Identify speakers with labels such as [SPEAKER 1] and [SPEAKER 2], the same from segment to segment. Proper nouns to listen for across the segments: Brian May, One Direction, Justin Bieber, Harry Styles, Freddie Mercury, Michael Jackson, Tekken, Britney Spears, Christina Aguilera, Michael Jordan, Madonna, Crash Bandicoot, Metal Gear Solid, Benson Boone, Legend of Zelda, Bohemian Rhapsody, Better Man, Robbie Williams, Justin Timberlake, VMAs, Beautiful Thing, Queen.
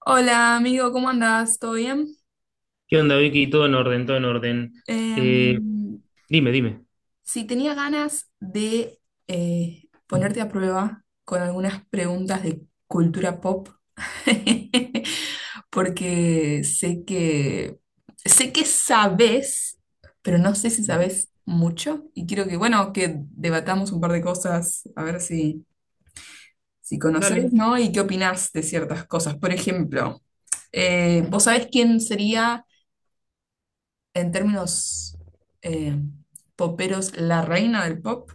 [SPEAKER 1] Hola amigo, ¿cómo andás? ¿Todo bien?
[SPEAKER 2] ¿Qué onda, Vicky? Todo en orden, todo en orden.
[SPEAKER 1] Em,
[SPEAKER 2] Eh, dime, dime.
[SPEAKER 1] si tenía ganas de ponerte a prueba con algunas preguntas de cultura pop, porque sé que sabes, pero no sé si sabes mucho y quiero que, bueno, que debatamos un par de cosas, a ver si, si conoces,
[SPEAKER 2] Dale.
[SPEAKER 1] ¿no? Y qué opinás de ciertas cosas. Por ejemplo, ¿vos sabés quién sería en términos, eh, poperos, la reina del pop?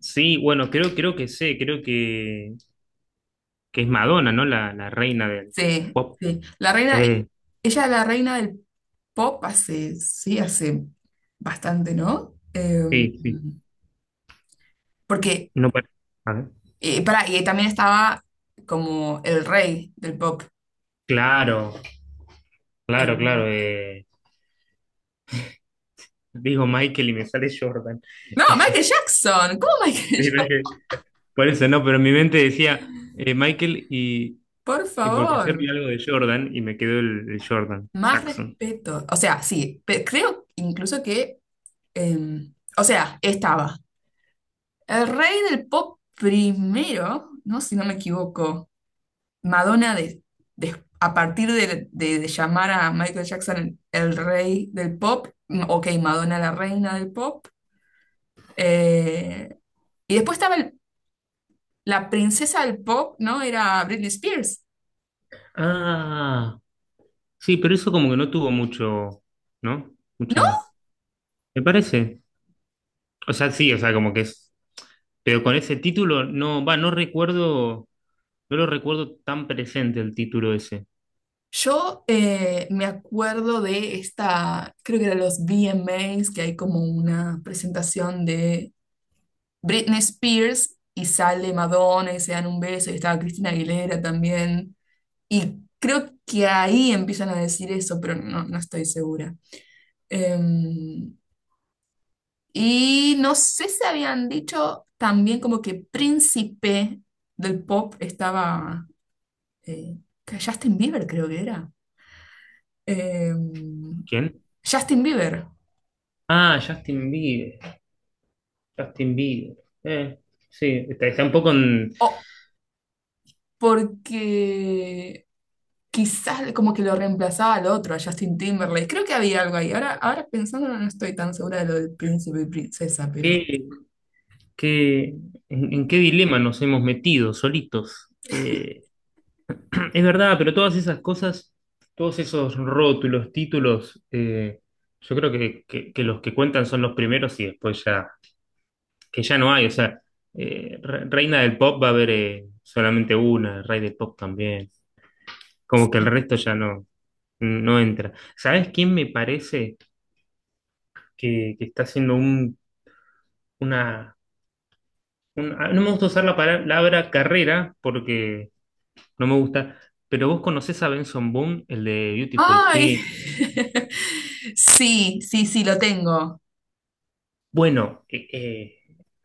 [SPEAKER 2] Sí, bueno, creo que sé, creo que es Madonna, ¿no? La reina del
[SPEAKER 1] Sí,
[SPEAKER 2] pop.
[SPEAKER 1] sí. La reina,
[SPEAKER 2] Eh,
[SPEAKER 1] ella es la reina del pop hace, sí, hace bastante, ¿no?
[SPEAKER 2] sí, sí.
[SPEAKER 1] Porque,
[SPEAKER 2] No pare- A ver.
[SPEAKER 1] pará, y también estaba como el rey del pop.
[SPEAKER 2] Claro, claro,
[SPEAKER 1] Eh,
[SPEAKER 2] claro. Digo Michael y me sale Jordan.
[SPEAKER 1] no, Michael Jackson, ¿cómo Michael
[SPEAKER 2] Sí, no es
[SPEAKER 1] Jackson?
[SPEAKER 2] que- Por eso no, pero en mi mente decía Michael,
[SPEAKER 1] Por
[SPEAKER 2] y porque ayer vi
[SPEAKER 1] favor,
[SPEAKER 2] algo de Jordan y me quedó el Jordan
[SPEAKER 1] más
[SPEAKER 2] Jackson.
[SPEAKER 1] respeto. O sea, sí, creo incluso que, eh, o sea, estaba. El rey del pop primero, ¿no? Si no me equivoco, Madonna de, a partir de llamar a Michael Jackson el rey del pop, mm, ok, Madonna la reina del pop, eh, y después la princesa del pop, ¿no? Era Britney Spears,
[SPEAKER 2] Ah, sí, pero eso como que no tuvo mucho, ¿no?
[SPEAKER 1] ¿no?
[SPEAKER 2] Mucha, me parece. O sea, sí, o sea, como que es, pero con ese título no, va, no recuerdo, no lo recuerdo tan presente el título ese.
[SPEAKER 1] Yo me acuerdo de esta, creo que eran los V m VMAs, que hay como una presentación de Britney Spears y sale Madonna y se dan un beso y estaba Cristina Aguilera también. Y creo que ahí empiezan a decir eso, pero no, no estoy segura. Em, y no sé si habían dicho también como que príncipe del pop estaba, eh, que Justin Bieber, creo que era. Em,
[SPEAKER 2] ¿Quién?
[SPEAKER 1] Justin Bieber.
[SPEAKER 2] Ah, Justin Bieber, Justin Bieber. Eh, sí, está, está un poco en
[SPEAKER 1] Oh, porque quizás como que lo reemplazaba al otro, a Justin Timberlake. Creo que había algo ahí. Ahora, ahora pensándolo, no estoy tan segura de lo del príncipe y princesa, pero...
[SPEAKER 2] qué, qué- en qué dilema nos hemos metido solitos. Es verdad, pero todas esas cosas, todos esos rótulos, títulos, yo creo que, que los que cuentan son los primeros y después ya, que ya no hay. O sea, reina del pop va a haber solamente una, rey del pop también. Como que el resto ya no, no entra. ¿Sabes quién me parece que está haciendo un, una, no me gusta usar la palabra carrera porque no me gusta, pero vos conocés a Benson Boone, el de Beautiful
[SPEAKER 1] ¡Ay!
[SPEAKER 2] Thing.
[SPEAKER 1] Sí, sí, sí, lo tengo.
[SPEAKER 2] Bueno, eh, eh,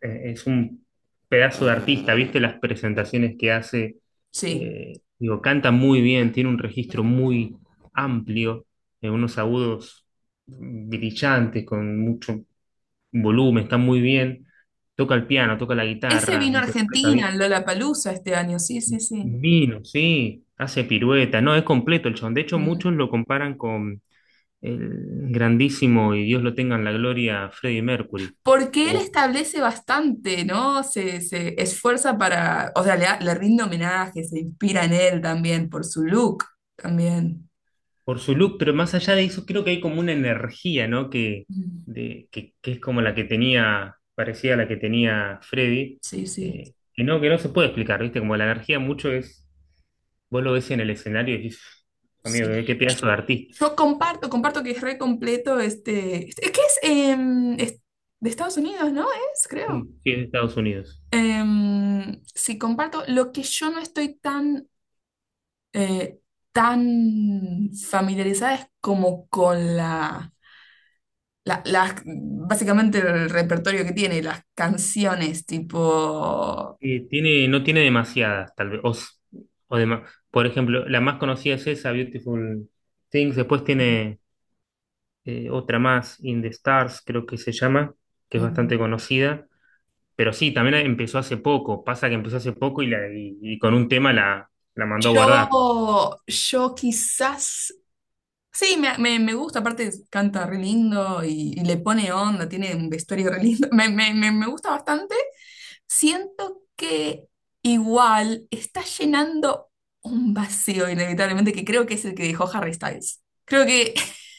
[SPEAKER 2] eh, es un pedazo de artista, ¿viste las presentaciones que hace?
[SPEAKER 1] Sí.
[SPEAKER 2] Eh, digo, canta muy bien, tiene un registro muy amplio, unos agudos brillantes, con mucho volumen, está muy bien. Toca el piano, toca la
[SPEAKER 1] Ese
[SPEAKER 2] guitarra,
[SPEAKER 1] vino a
[SPEAKER 2] interpreta bien.
[SPEAKER 1] Argentina, en Palusa este año. Sí, sí, sí.
[SPEAKER 2] Vino, sí, hace pirueta, no, es completo el chabón. De hecho,
[SPEAKER 1] Mm.
[SPEAKER 2] muchos lo comparan con el grandísimo, y Dios lo tenga en la gloria, Freddie Mercury.
[SPEAKER 1] Porque él
[SPEAKER 2] Como
[SPEAKER 1] establece bastante, ¿no? Se esfuerza para, o sea, le rinde homenaje, se inspira en él también por su look, también.
[SPEAKER 2] por su look, pero más allá de eso, creo que hay como una energía, ¿no? Que,
[SPEAKER 1] Mm.
[SPEAKER 2] de, que es como la que tenía, parecía la que tenía Freddy,
[SPEAKER 1] Sí, sí,
[SPEAKER 2] que no se puede explicar, ¿viste? Como la energía mucho es, vos lo ves en el escenario y dices, amigo, qué
[SPEAKER 1] sí.
[SPEAKER 2] qué pedazo de artista.
[SPEAKER 1] Yo comparto, comparto que es re completo este. Es que es, em, es de Estados Unidos, ¿no? Es, creo.
[SPEAKER 2] Sí, sí, es de Estados Unidos.
[SPEAKER 1] Sí, comparto. Lo que yo no estoy tan, eh, tan familiarizada es como con básicamente el repertorio que tiene, las canciones, tipo.
[SPEAKER 2] Tiene, no tiene demasiadas, tal vez. O, s- o dema- Por ejemplo, la más conocida es esa, Beautiful Things. Después tiene otra más, In the Stars, creo que se llama, que es
[SPEAKER 1] Mm.
[SPEAKER 2] bastante conocida. Pero sí, también empezó hace poco. Pasa que empezó hace poco y, y con un tema la mandó a guardar.
[SPEAKER 1] Yo quizás Sí, me gusta, aparte canta re lindo y le pone onda, tiene un vestuario re lindo. Me gusta bastante. Siento que igual está llenando un vacío, inevitablemente, que creo que es el que dejó Harry Styles. Creo que,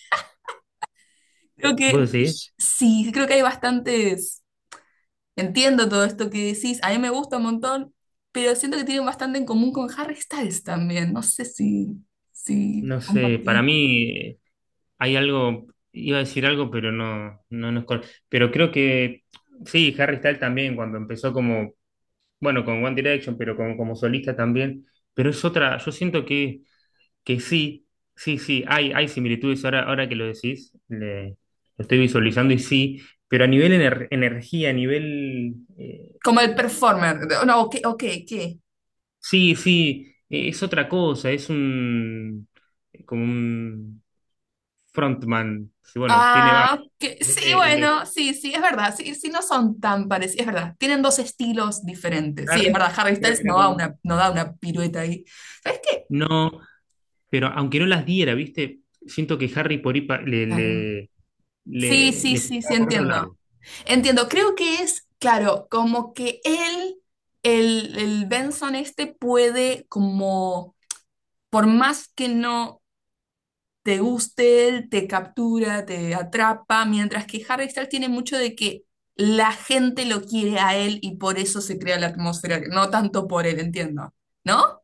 [SPEAKER 1] creo que,
[SPEAKER 2] ¿Vos decís?
[SPEAKER 1] sí, creo que hay bastantes. Entiendo todo esto que decís, a mí me gusta un montón, pero siento que tienen bastante en común con Harry Styles también. No sé si, si
[SPEAKER 2] No sé, para
[SPEAKER 1] compartir.
[SPEAKER 2] mí hay algo, iba a decir algo, pero no, no, no es correcto. Pero creo que sí, Harry Styles también, cuando empezó como, bueno, con One Direction, pero como, como solista también. Pero es otra, yo siento que sí, sí, sí, hay similitudes ahora, ahora que lo decís, le, lo estoy visualizando y sí, pero a nivel energía, a nivel...
[SPEAKER 1] Como el performer. No, ok, ok, ¿qué?
[SPEAKER 2] sí, sí, es otra cosa, es un como un frontman. Sí, bueno, tiene banda.
[SPEAKER 1] Ah, ok. Sí,
[SPEAKER 2] Él, él es
[SPEAKER 1] bueno, sí, sí, es verdad. Sí, sí, no son tan parecidos, es verdad. Tienen dos estilos diferentes. Sí, es
[SPEAKER 2] Harry,
[SPEAKER 1] verdad, Harry
[SPEAKER 2] era,
[SPEAKER 1] Styles no da una, no da una pirueta ahí. ¿Sabes qué?
[SPEAKER 2] no, pero aunque no las diera, ¿viste? Siento que Harry por ahí
[SPEAKER 1] Claro. Sí, sí,
[SPEAKER 2] le
[SPEAKER 1] sí, sí,
[SPEAKER 2] picaba por otro
[SPEAKER 1] entiendo.
[SPEAKER 2] lado.
[SPEAKER 1] Entiendo, creo que es, claro, como que él, el Benson este puede como, por más que no te guste él, te captura, te atrapa, mientras que Harry Styles tiene mucho de que la gente lo quiere a él y por eso se crea la atmósfera, no tanto por él, entiendo, ¿no?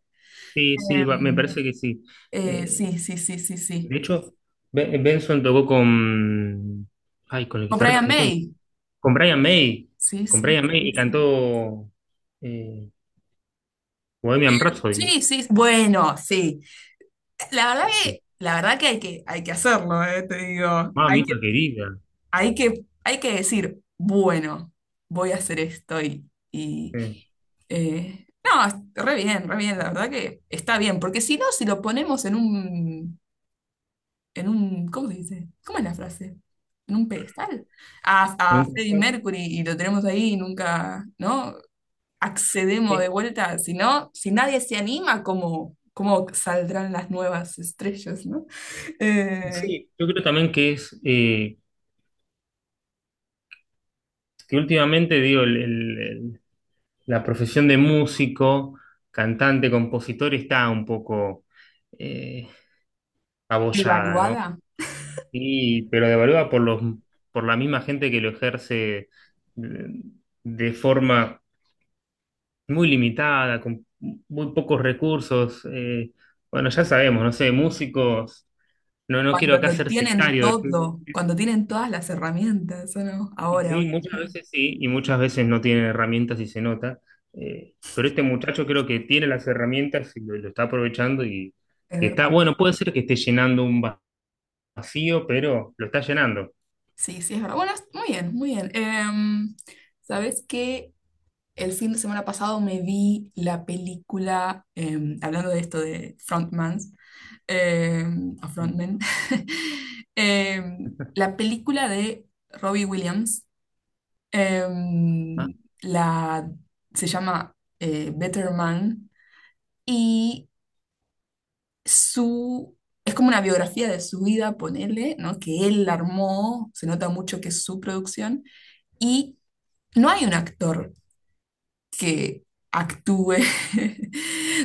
[SPEAKER 2] Sí, sí, me
[SPEAKER 1] Em,
[SPEAKER 2] parece que sí. Eh,
[SPEAKER 1] sí, sí, sí, sí, sí.
[SPEAKER 2] de hecho, Benson tocó con. Ay, con el
[SPEAKER 1] Con Brian
[SPEAKER 2] guitarrista de Queen.
[SPEAKER 1] May.
[SPEAKER 2] Con Brian May.
[SPEAKER 1] Sí,
[SPEAKER 2] Con
[SPEAKER 1] sí,
[SPEAKER 2] Brian May
[SPEAKER 1] sí,
[SPEAKER 2] y
[SPEAKER 1] sí.
[SPEAKER 2] cantó eh, Bohemian Rhapsody, ¿no?
[SPEAKER 1] Sí, sí, sí. Bueno, sí.
[SPEAKER 2] Sí.
[SPEAKER 1] La verdad que hay que, hay que hacerlo, te digo. Hay que,
[SPEAKER 2] Mamita querida.
[SPEAKER 1] hay que, hay que decir, bueno, voy a hacer esto y
[SPEAKER 2] Sí.
[SPEAKER 1] eh, no, re bien, la verdad que está bien, porque si no, si lo ponemos en un, ¿cómo se dice? ¿Cómo es la frase? En un pedestal.
[SPEAKER 2] Un
[SPEAKER 1] A Freddie
[SPEAKER 2] placer.
[SPEAKER 1] Mercury y lo tenemos ahí y nunca, ¿no? Accedemos de
[SPEAKER 2] Eh,
[SPEAKER 1] vuelta, si no, si nadie se anima, ¿cómo, cómo saldrán las nuevas estrellas, ¿no? Eh,
[SPEAKER 2] Sí, yo creo también que es que últimamente digo la profesión de músico, cantante, compositor está un poco eh, abollada, ¿no?
[SPEAKER 1] devaluada.
[SPEAKER 2] Y, pero devaluada por los, por la misma gente que lo ejerce de, de forma muy limitada, con muy pocos recursos. Bueno, ya sabemos, no sé, músicos, no, no quiero
[SPEAKER 1] Cuando
[SPEAKER 2] acá
[SPEAKER 1] lo
[SPEAKER 2] ser
[SPEAKER 1] tienen
[SPEAKER 2] sectario.
[SPEAKER 1] todo, cuando tienen todas las herramientas, ¿o no?
[SPEAKER 2] Y
[SPEAKER 1] Ahora,
[SPEAKER 2] sí,
[SPEAKER 1] hoy
[SPEAKER 2] muchas
[SPEAKER 1] en día.
[SPEAKER 2] veces sí, y muchas veces no tienen herramientas y se nota. Pero este muchacho creo que tiene las herramientas y lo está aprovechando
[SPEAKER 1] Es
[SPEAKER 2] y está,
[SPEAKER 1] verdad.
[SPEAKER 2] bueno, puede ser que esté llenando un vacío, pero lo está llenando.
[SPEAKER 1] Sí, sí, es verdad. Bueno, muy bien, muy bien. ¿Sabes qué? El fin de semana pasado me vi la película, em, hablando de esto de frontmans, em, o frontmen, em, la película de Robbie Williams,
[SPEAKER 2] Ah,
[SPEAKER 1] em, la, se llama Better Man, y su... Es como una biografía de su vida, ponele, ¿no? Que él armó, se nota mucho que es su producción. Y no hay un actor que actúe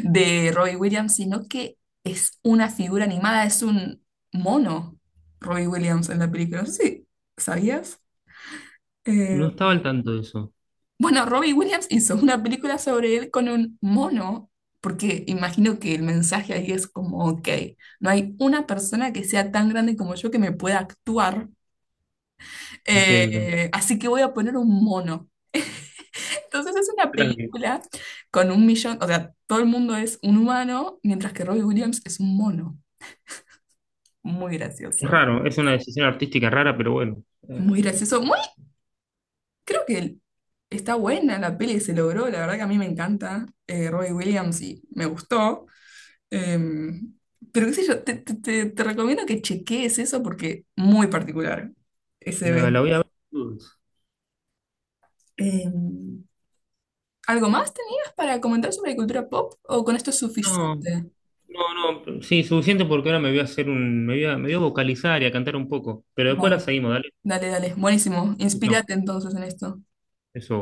[SPEAKER 1] de Robbie Williams, sino que es una figura animada, es un mono Robbie Williams en la película. No sé si sabías. Eh,
[SPEAKER 2] no estaba al tanto de eso,
[SPEAKER 1] bueno, Robbie Williams hizo una película sobre él con un mono, porque imagino que el mensaje ahí es como, ok, no hay una persona que sea tan grande como yo que me pueda actuar,
[SPEAKER 2] entiendo.
[SPEAKER 1] así que voy a poner un mono. Entonces es una
[SPEAKER 2] Tranqui.
[SPEAKER 1] película con un millón, o sea, todo el mundo es un humano, mientras que Robbie Williams es un mono. Muy
[SPEAKER 2] Es
[SPEAKER 1] gracioso,
[SPEAKER 2] raro, es una decisión artística rara, pero bueno, eh,
[SPEAKER 1] muy gracioso, muy, creo que está buena la peli, se logró, la verdad que a mí me encanta, Robbie Williams y me gustó. Em, pero qué sé yo, te, te recomiendo que chequees eso porque muy particular ese
[SPEAKER 2] la
[SPEAKER 1] evento.
[SPEAKER 2] voy a ver.
[SPEAKER 1] Em, ¿Algo más tenías para comentar sobre cultura pop o con esto es
[SPEAKER 2] No,
[SPEAKER 1] suficiente?
[SPEAKER 2] no, no, sí, suficiente porque ahora me voy a hacer un, me voy a vocalizar y a cantar un poco, pero después la
[SPEAKER 1] Bueno.
[SPEAKER 2] seguimos, dale.
[SPEAKER 1] Dale, dale. Buenísimo.
[SPEAKER 2] Chau, chau.
[SPEAKER 1] Inspírate entonces en esto.
[SPEAKER 2] Eso.